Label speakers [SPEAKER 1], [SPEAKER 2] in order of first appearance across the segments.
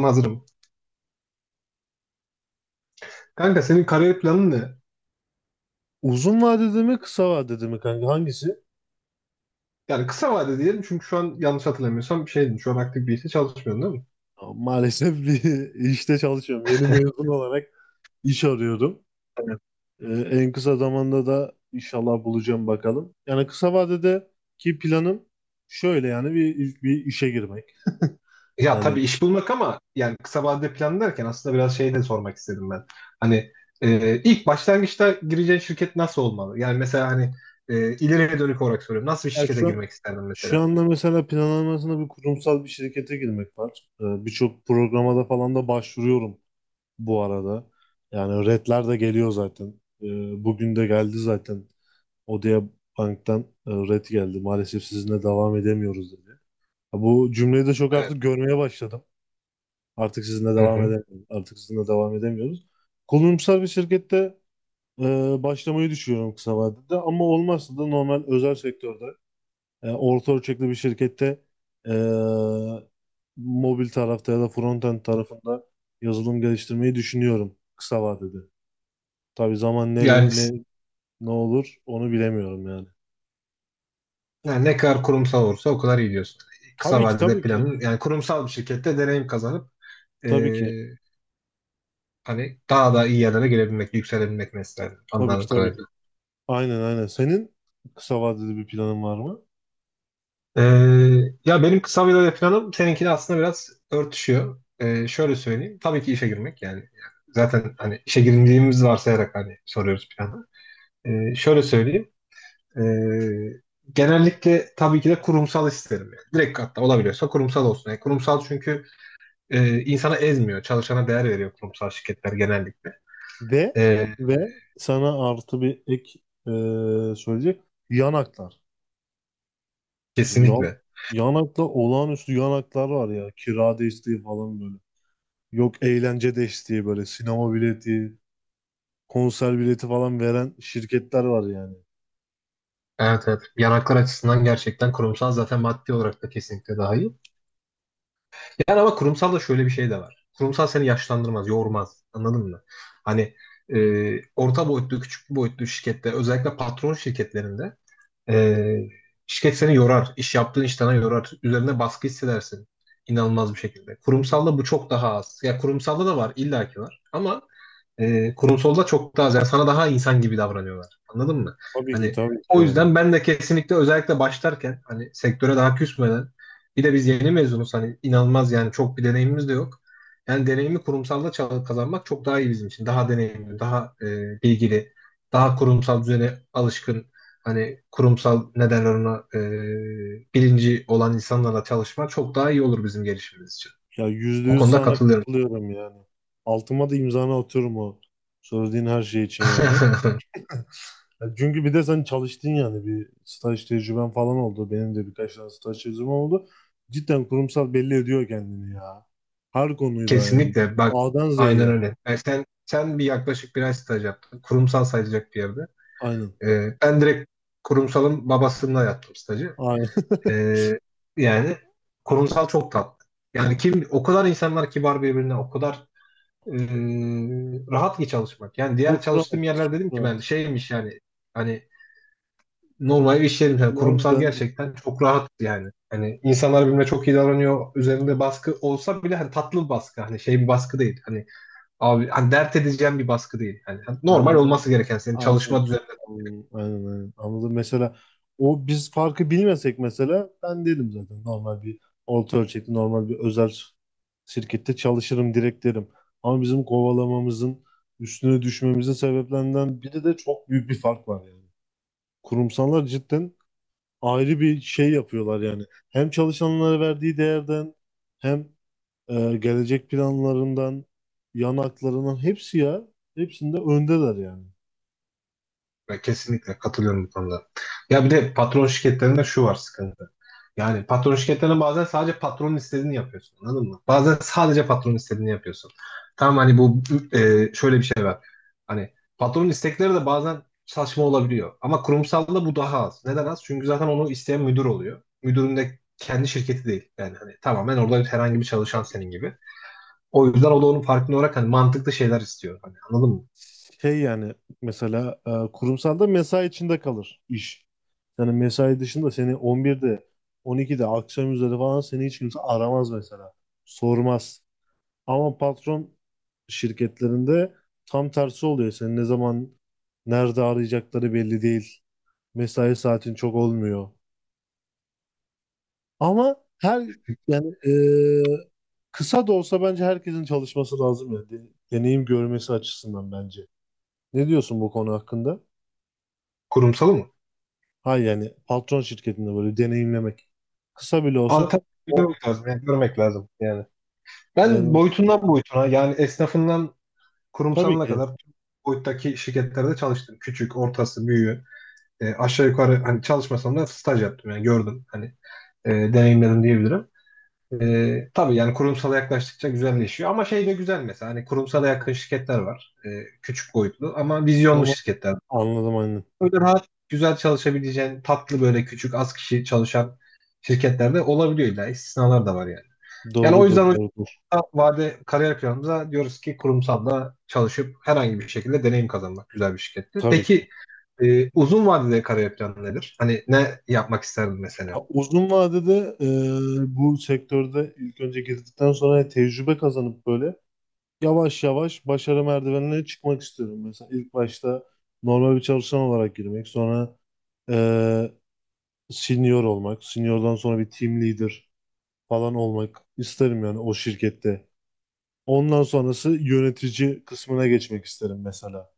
[SPEAKER 1] Hazırım. Kanka senin kariyer planın ne?
[SPEAKER 2] Uzun vadede mi kısa vadede mi kanka hangisi?
[SPEAKER 1] Yani kısa vade diyelim çünkü şu an yanlış hatırlamıyorsam bir şeydin. Şu an aktif bir işte çalışmıyorsun değil mi?
[SPEAKER 2] Maalesef bir işte çalışıyorum. Yeni mezun olarak iş arıyorum.
[SPEAKER 1] Evet.
[SPEAKER 2] Ee, En kısa zamanda da inşallah bulacağım bakalım. Yani kısa vadedeki planım şöyle yani bir işe girmek.
[SPEAKER 1] Ya tabii
[SPEAKER 2] Yani
[SPEAKER 1] iş bulmak ama yani kısa vadede plan derken aslında biraz şey de sormak istedim ben. Hani ilk başlangıçta gireceğin şirket nasıl olmalı? Yani mesela hani ileriye dönük olarak soruyorum. Nasıl bir
[SPEAKER 2] Ya
[SPEAKER 1] şirkete girmek isterdin mesela?
[SPEAKER 2] şu anda mesela planlamasında bir kurumsal bir şirkete girmek var. Birçok programa da falan da başvuruyorum bu arada. Yani redler de geliyor zaten. Bugün de geldi zaten. Odea Bank'tan red geldi. Maalesef sizinle devam edemiyoruz dedi. Ha, bu cümleyi de çok
[SPEAKER 1] Evet.
[SPEAKER 2] artık görmeye başladım. Artık sizinle
[SPEAKER 1] Hı
[SPEAKER 2] devam
[SPEAKER 1] hı.
[SPEAKER 2] edemiyoruz. Artık sizinle devam edemiyoruz. Kurumsal bir şirkette e, başlamayı düşünüyorum kısa vadede, ama olmazsa da normal özel sektörde orta ölçekli bir şirkette e, mobil tarafta ya da frontend tarafında yazılım geliştirmeyi düşünüyorum kısa vadede. Tabii zaman ne
[SPEAKER 1] Yani,
[SPEAKER 2] ne
[SPEAKER 1] s-
[SPEAKER 2] ne olur onu bilemiyorum yani.
[SPEAKER 1] yani ne kadar kurumsal olursa o kadar iyi diyorsun. Kısa
[SPEAKER 2] Tabii ki,
[SPEAKER 1] vadede
[SPEAKER 2] tabii ki.
[SPEAKER 1] planın yani kurumsal bir şirkette deneyim kazanıp e,
[SPEAKER 2] Tabii ki.
[SPEAKER 1] hani daha da iyi yerlere gelebilmek, yükselebilmek mesela
[SPEAKER 2] Tabii ki,
[SPEAKER 1] anladığım
[SPEAKER 2] tabii
[SPEAKER 1] kadarıyla.
[SPEAKER 2] ki. Aynen aynen. Senin kısa vadeli bir planın var mı?
[SPEAKER 1] Ee, ya benim kısa vade planım seninkiyle aslında biraz örtüşüyor. Şöyle söyleyeyim. Tabii ki işe girmek yani. Zaten hani işe girdiğimiz varsayarak hani soruyoruz planı. Şöyle söyleyeyim. Ee, genellikle tabii ki de kurumsal isterim. Yani. Direkt hatta olabiliyorsa kurumsal olsun. Yani kurumsal çünkü insana ezmiyor. Çalışana değer veriyor kurumsal şirketler genellikle.
[SPEAKER 2] Ve
[SPEAKER 1] Ee,
[SPEAKER 2] ve sana artı bir ek söyleyecek. Yanaklar. Mesela
[SPEAKER 1] kesinlikle.
[SPEAKER 2] yanakta olağanüstü yanaklar var ya. Kira desteği falan böyle. Yok eğlence desteği böyle. Sinema bileti, konser bileti falan veren şirketler var yani.
[SPEAKER 1] Evet evet. Yanaklar açısından gerçekten kurumsal zaten maddi olarak da kesinlikle daha iyi. Yani ama kurumsal da şöyle bir şey de var. Kurumsal seni yaşlandırmaz, yormaz. Anladın mı? Hani e, orta boyutlu, küçük boyutlu şirkette özellikle patron şirketlerinde ee, şirket seni yorar. İş yaptığın iş sana yorar. Üzerine baskı hissedersin. İnanılmaz bir şekilde. Kurumsalda bu çok daha az. Ya kurumsalda da var, illaki var. Ama kurumsalda çok daha az. Yani sana daha insan gibi davranıyorlar. Anladın mı?
[SPEAKER 2] Tabii ki,
[SPEAKER 1] Hani
[SPEAKER 2] tabii ki
[SPEAKER 1] o
[SPEAKER 2] yani.
[SPEAKER 1] yüzden ben de kesinlikle özellikle başlarken hani sektöre daha küsmeden bir de biz yeni mezunuz hani inanılmaz yani çok bir deneyimimiz de yok. Yani deneyimi kurumsalda kazanmak çok daha iyi bizim için. Daha deneyimli, daha bilgili, daha kurumsal düzene alışkın hani kurumsal ne derler ona bilinci olan insanlarla çalışma çok daha iyi olur bizim gelişimimiz için.
[SPEAKER 2] Ya yüzde
[SPEAKER 1] O
[SPEAKER 2] yüz
[SPEAKER 1] konuda
[SPEAKER 2] sana
[SPEAKER 1] katılıyorum.
[SPEAKER 2] katılıyorum yani. Altıma da imzanı atıyorum o söylediğin her şey için yani. Ya çünkü bir de sen çalıştın yani bir staj tecrüben falan oldu. Benim de birkaç tane staj tecrübem oldu. Cidden kurumsal belli ediyor kendini ya. Her konuyla yani.
[SPEAKER 1] Kesinlikle. Bak
[SPEAKER 2] A'dan
[SPEAKER 1] aynen
[SPEAKER 2] Z'ye.
[SPEAKER 1] öyle. Yani sen bir yaklaşık bir ay staj yaptın. Kurumsal sayılacak bir yerde.
[SPEAKER 2] Aynen.
[SPEAKER 1] E, ben direkt kurumsalın babasında yaptım stajı.
[SPEAKER 2] Aynen.
[SPEAKER 1] E, yani kurumsal çok tatlı. Yani kim o kadar insanlar kibar birbirine o kadar e, rahat ki çalışmak. Yani diğer
[SPEAKER 2] Çok
[SPEAKER 1] çalıştığım
[SPEAKER 2] rahat.
[SPEAKER 1] yerler
[SPEAKER 2] Çok
[SPEAKER 1] dedim ki ben
[SPEAKER 2] rahat.
[SPEAKER 1] şeymiş yani hani normal iş yerim yani
[SPEAKER 2] Vallahi
[SPEAKER 1] kurumsal
[SPEAKER 2] ben
[SPEAKER 1] gerçekten çok rahat yani. Hani insanlar birbirine çok iyi davranıyor. Üzerinde baskı olsa bile hani tatlı bir baskı. Hani şey bir baskı değil. Hani abi hani dert edeceğim bir baskı değil. Hani normal
[SPEAKER 2] anla-
[SPEAKER 1] olması gereken senin
[SPEAKER 2] anladım.
[SPEAKER 1] çalışma.
[SPEAKER 2] Anladım. Aynen, aynen. Anladım. Mesela o biz farkı bilmesek, mesela ben dedim zaten normal bir orta ölçekli normal bir özel şirkette çalışırım direkt derim. Ama bizim kovalamamızın üstüne düşmemizin sebeplerinden biri de çok büyük bir fark var yani. Kurumsallar cidden ayrı bir şey yapıyorlar yani. Hem çalışanlara verdiği değerden, hem gelecek planlarından, yan haklarından, hepsi ya hepsinde öndeler yani.
[SPEAKER 1] Ben kesinlikle katılıyorum bu konuda. Ya bir de patron şirketlerinde şu var sıkıntı. Yani patron şirketlerinde bazen sadece patronun istediğini yapıyorsun. Anladın mı? Bazen sadece patronun istediğini yapıyorsun. Tamam hani bu şöyle bir şey var. Hani patronun istekleri de bazen saçma olabiliyor. Ama kurumsalda bu daha az. Neden az? Çünkü zaten onu isteyen müdür oluyor. Müdürün de kendi şirketi değil. Yani hani tamamen orada herhangi bir çalışan senin gibi. O yüzden o da onun farkında olarak hani mantıklı şeyler istiyor. Hani anladın mı?
[SPEAKER 2] Şey yani mesela kurumsalda mesai içinde kalır iş. Yani mesai dışında seni 11'de, 12'de, akşam üzeri falan seni hiç kimse aramaz mesela. Sormaz. Ama patron şirketlerinde tam tersi oluyor. Seni ne zaman nerede arayacakları belli değil. Mesai saatin çok olmuyor. Ama her yani kısa da olsa bence herkesin çalışması lazım yani. Deneyim görmesi açısından bence. Ne diyorsun bu konu hakkında?
[SPEAKER 1] Kurumsalı mı?
[SPEAKER 2] Hayır, yani patron şirketinde böyle deneyimlemek. Kısa bile olsa
[SPEAKER 1] Alternatif
[SPEAKER 2] o
[SPEAKER 1] görmek lazım. Yani görmek lazım yani. Ben
[SPEAKER 2] yani
[SPEAKER 1] boyutundan boyutuna yani esnafından
[SPEAKER 2] tabii
[SPEAKER 1] kurumsalına
[SPEAKER 2] ki,
[SPEAKER 1] kadar tüm boyuttaki şirketlerde çalıştım. Küçük, ortası, büyüğü. E, aşağı yukarı hani çalışmasam da staj yaptım yani gördüm. Hani deneyimledim diyebilirim. E, tabii yani kurumsala yaklaştıkça güzelleşiyor. Ama şey de güzel mesela hani kurumsala yakın şirketler var. E, küçük boyutlu ama vizyonlu
[SPEAKER 2] ama
[SPEAKER 1] şirketler.
[SPEAKER 2] anladım aynen.
[SPEAKER 1] Böyle rahat, güzel çalışabileceğin tatlı böyle küçük az kişi çalışan şirketlerde olabiliyor. İlla istisnalar da var yani. Yani o
[SPEAKER 2] Doğrudur,
[SPEAKER 1] yüzden
[SPEAKER 2] doğrudur.
[SPEAKER 1] kısa vade kariyer planımıza diyoruz ki kurumsalla çalışıp herhangi bir şekilde deneyim kazanmak güzel bir şirkette.
[SPEAKER 2] Tabii ki.
[SPEAKER 1] Peki uzun vadede kariyer planı nedir? Hani ne yapmak isterdin
[SPEAKER 2] Ya
[SPEAKER 1] mesela?
[SPEAKER 2] uzun vadede bu sektörde ilk önce girdikten sonra tecrübe kazanıp böyle yavaş yavaş başarı merdivenine çıkmak istiyorum. Mesela ilk başta normal bir çalışan olarak girmek, sonra e, senior olmak, seniordan sonra bir team leader falan olmak isterim yani o şirkette. Ondan sonrası yönetici kısmına geçmek isterim mesela.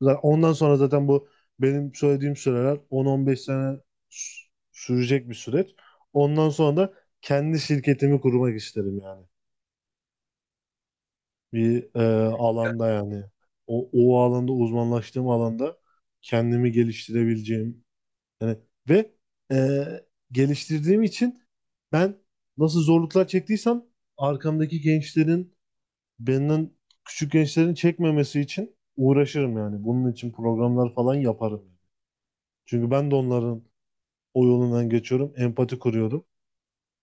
[SPEAKER 2] Zaten ondan sonra zaten bu benim söylediğim süreler 10-15 sene sürecek bir süreç. Ondan sonra da kendi şirketimi kurmak isterim yani. Bir alanda yani. O alanda, uzmanlaştığım alanda, kendimi geliştirebileceğim. Yani ve e, geliştirdiğim için ben nasıl zorluklar çektiysem arkamdaki gençlerin, benden küçük gençlerin çekmemesi için uğraşırım yani. Bunun için programlar falan yaparım. Çünkü ben de onların o yolundan geçiyorum. Empati kuruyorum.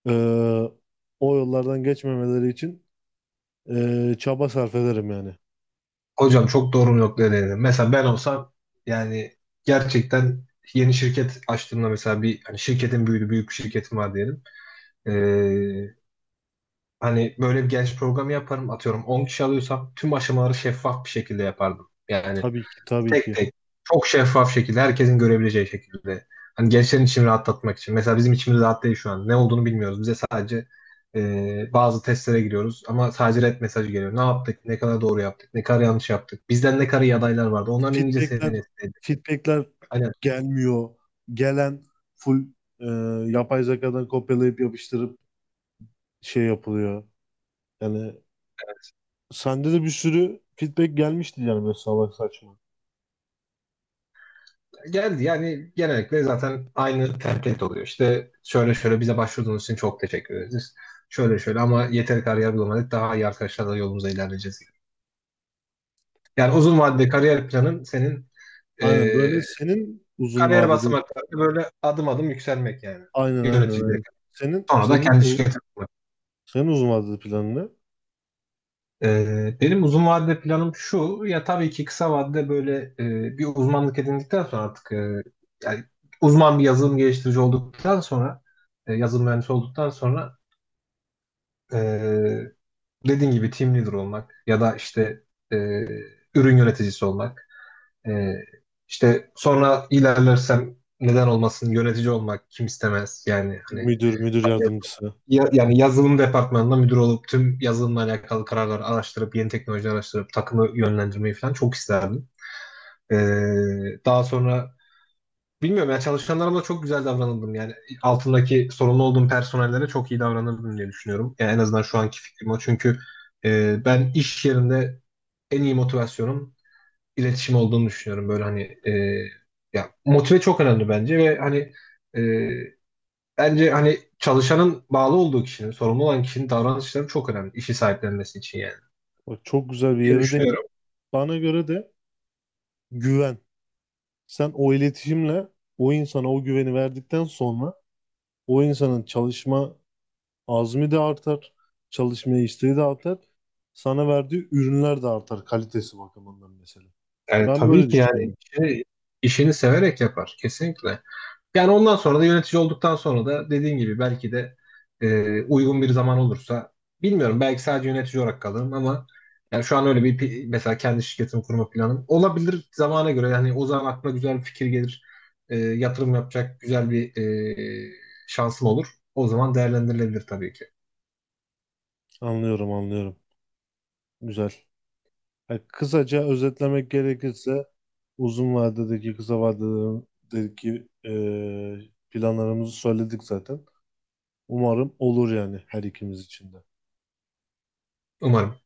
[SPEAKER 2] Ee, O yollardan geçmemeleri için çaba sarf ederim yani.
[SPEAKER 1] Hocam çok doğru bir noktaya değindin. Mesela ben olsam yani gerçekten yeni şirket açtığımda mesela bir hani şirketin büyüdü büyük bir şirketim var diyelim. Ee, hani böyle bir genç programı yaparım atıyorum 10 kişi alıyorsam tüm aşamaları şeffaf bir şekilde yapardım. Yani
[SPEAKER 2] Tabii ki, tabii
[SPEAKER 1] tek
[SPEAKER 2] ki.
[SPEAKER 1] tek. Çok şeffaf şekilde, herkesin görebileceği şekilde. Hani gençlerin içini rahatlatmak için. Mesela bizim içimiz rahat değil şu an. Ne olduğunu bilmiyoruz. Bize sadece bazı testlere giriyoruz ama sadece red mesajı geliyor. Ne yaptık? Ne kadar doğru yaptık? Ne kadar yanlış yaptık? Bizden ne kadar iyi adaylar vardı? Onların İngilizce
[SPEAKER 2] Feedbackler,
[SPEAKER 1] seviyesindeydi.
[SPEAKER 2] feedbackler
[SPEAKER 1] Aynen.
[SPEAKER 2] gelmiyor. Gelen full ee, yapay zekadan kopyalayıp yapıştırıp şey yapılıyor. Yani sende de bir sürü feedback gelmişti yani böyle salak saçma.
[SPEAKER 1] Geldi yani genellikle zaten aynı template oluyor. İşte şöyle şöyle bize başvurduğunuz için çok teşekkür ederiz. Şöyle şöyle ama yeteri kariyer bulamadık. Daha iyi arkadaşlarla yolumuza ilerleyeceğiz. Yani uzun vadede kariyer planın senin e,
[SPEAKER 2] Aynen böyle senin uzun
[SPEAKER 1] kariyer
[SPEAKER 2] vadeli
[SPEAKER 1] basamakları böyle adım adım yükselmek yani.
[SPEAKER 2] aynen aynen
[SPEAKER 1] Yöneticiye
[SPEAKER 2] aynen.
[SPEAKER 1] kadar.
[SPEAKER 2] Senin
[SPEAKER 1] Sonra da
[SPEAKER 2] senin
[SPEAKER 1] kendi
[SPEAKER 2] u-
[SPEAKER 1] şirketi kurmak.
[SPEAKER 2] Senin uzun vadeli planın ne?
[SPEAKER 1] Benim uzun vadede planım şu. Ya tabii ki kısa vadede böyle bir uzmanlık edindikten sonra artık yani uzman bir yazılım geliştirici olduktan sonra yazılım mühendisi olduktan sonra e, dediğin gibi team leader olmak ya da işte e, ürün yöneticisi olmak. E, işte sonra ilerlersem neden olmasın yönetici olmak kim istemez yani hani
[SPEAKER 2] Müdür, müdür yardımcısı.
[SPEAKER 1] Yani yazılım departmanında müdür olup tüm yazılımla alakalı kararları araştırıp yeni teknoloji araştırıp takımı yönlendirmeyi falan çok isterdim. Ee, daha sonra bilmiyorum ya çalışanlarıma çok güzel davranıldım. Yani altındaki sorumlu olduğum personellere çok iyi davranırdım diye düşünüyorum. Yani en azından şu anki fikrim o. Çünkü ben iş yerinde en iyi motivasyonum iletişim olduğunu düşünüyorum. Böyle hani ya motive çok önemli bence ve hani e, bence hani çalışanın bağlı olduğu kişinin, sorumlu olan kişinin davranışları çok önemli. İşi sahiplenmesi için yani.
[SPEAKER 2] Bak çok güzel bir
[SPEAKER 1] Diye
[SPEAKER 2] yere de,
[SPEAKER 1] düşünüyorum.
[SPEAKER 2] bana göre de, güven. Sen o iletişimle o insana o güveni verdikten sonra o insanın çalışma azmi de artar, çalışmaya isteği de artar. Sana verdiği ürünler de artar kalitesi bakımından mesela.
[SPEAKER 1] Yani
[SPEAKER 2] Ben
[SPEAKER 1] tabii
[SPEAKER 2] böyle
[SPEAKER 1] ki yani
[SPEAKER 2] düşünüyorum.
[SPEAKER 1] işini severek yapar. Kesinlikle. Yani ondan sonra da yönetici olduktan sonra da dediğin gibi belki de uygun bir zaman olursa bilmiyorum belki sadece yönetici olarak kalırım ama yani şu an öyle mesela kendi şirketimi kurma planım olabilir zamana göre yani o zaman aklıma güzel bir fikir gelir. E, yatırım yapacak güzel bir şansım olur. O zaman değerlendirilebilir tabii ki.
[SPEAKER 2] Anlıyorum, anlıyorum. Güzel. Yani kısaca özetlemek gerekirse uzun vadedeki, kısa vadedeki planlarımızı söyledik zaten. Umarım olur yani her ikimiz için de.
[SPEAKER 1] Umarım.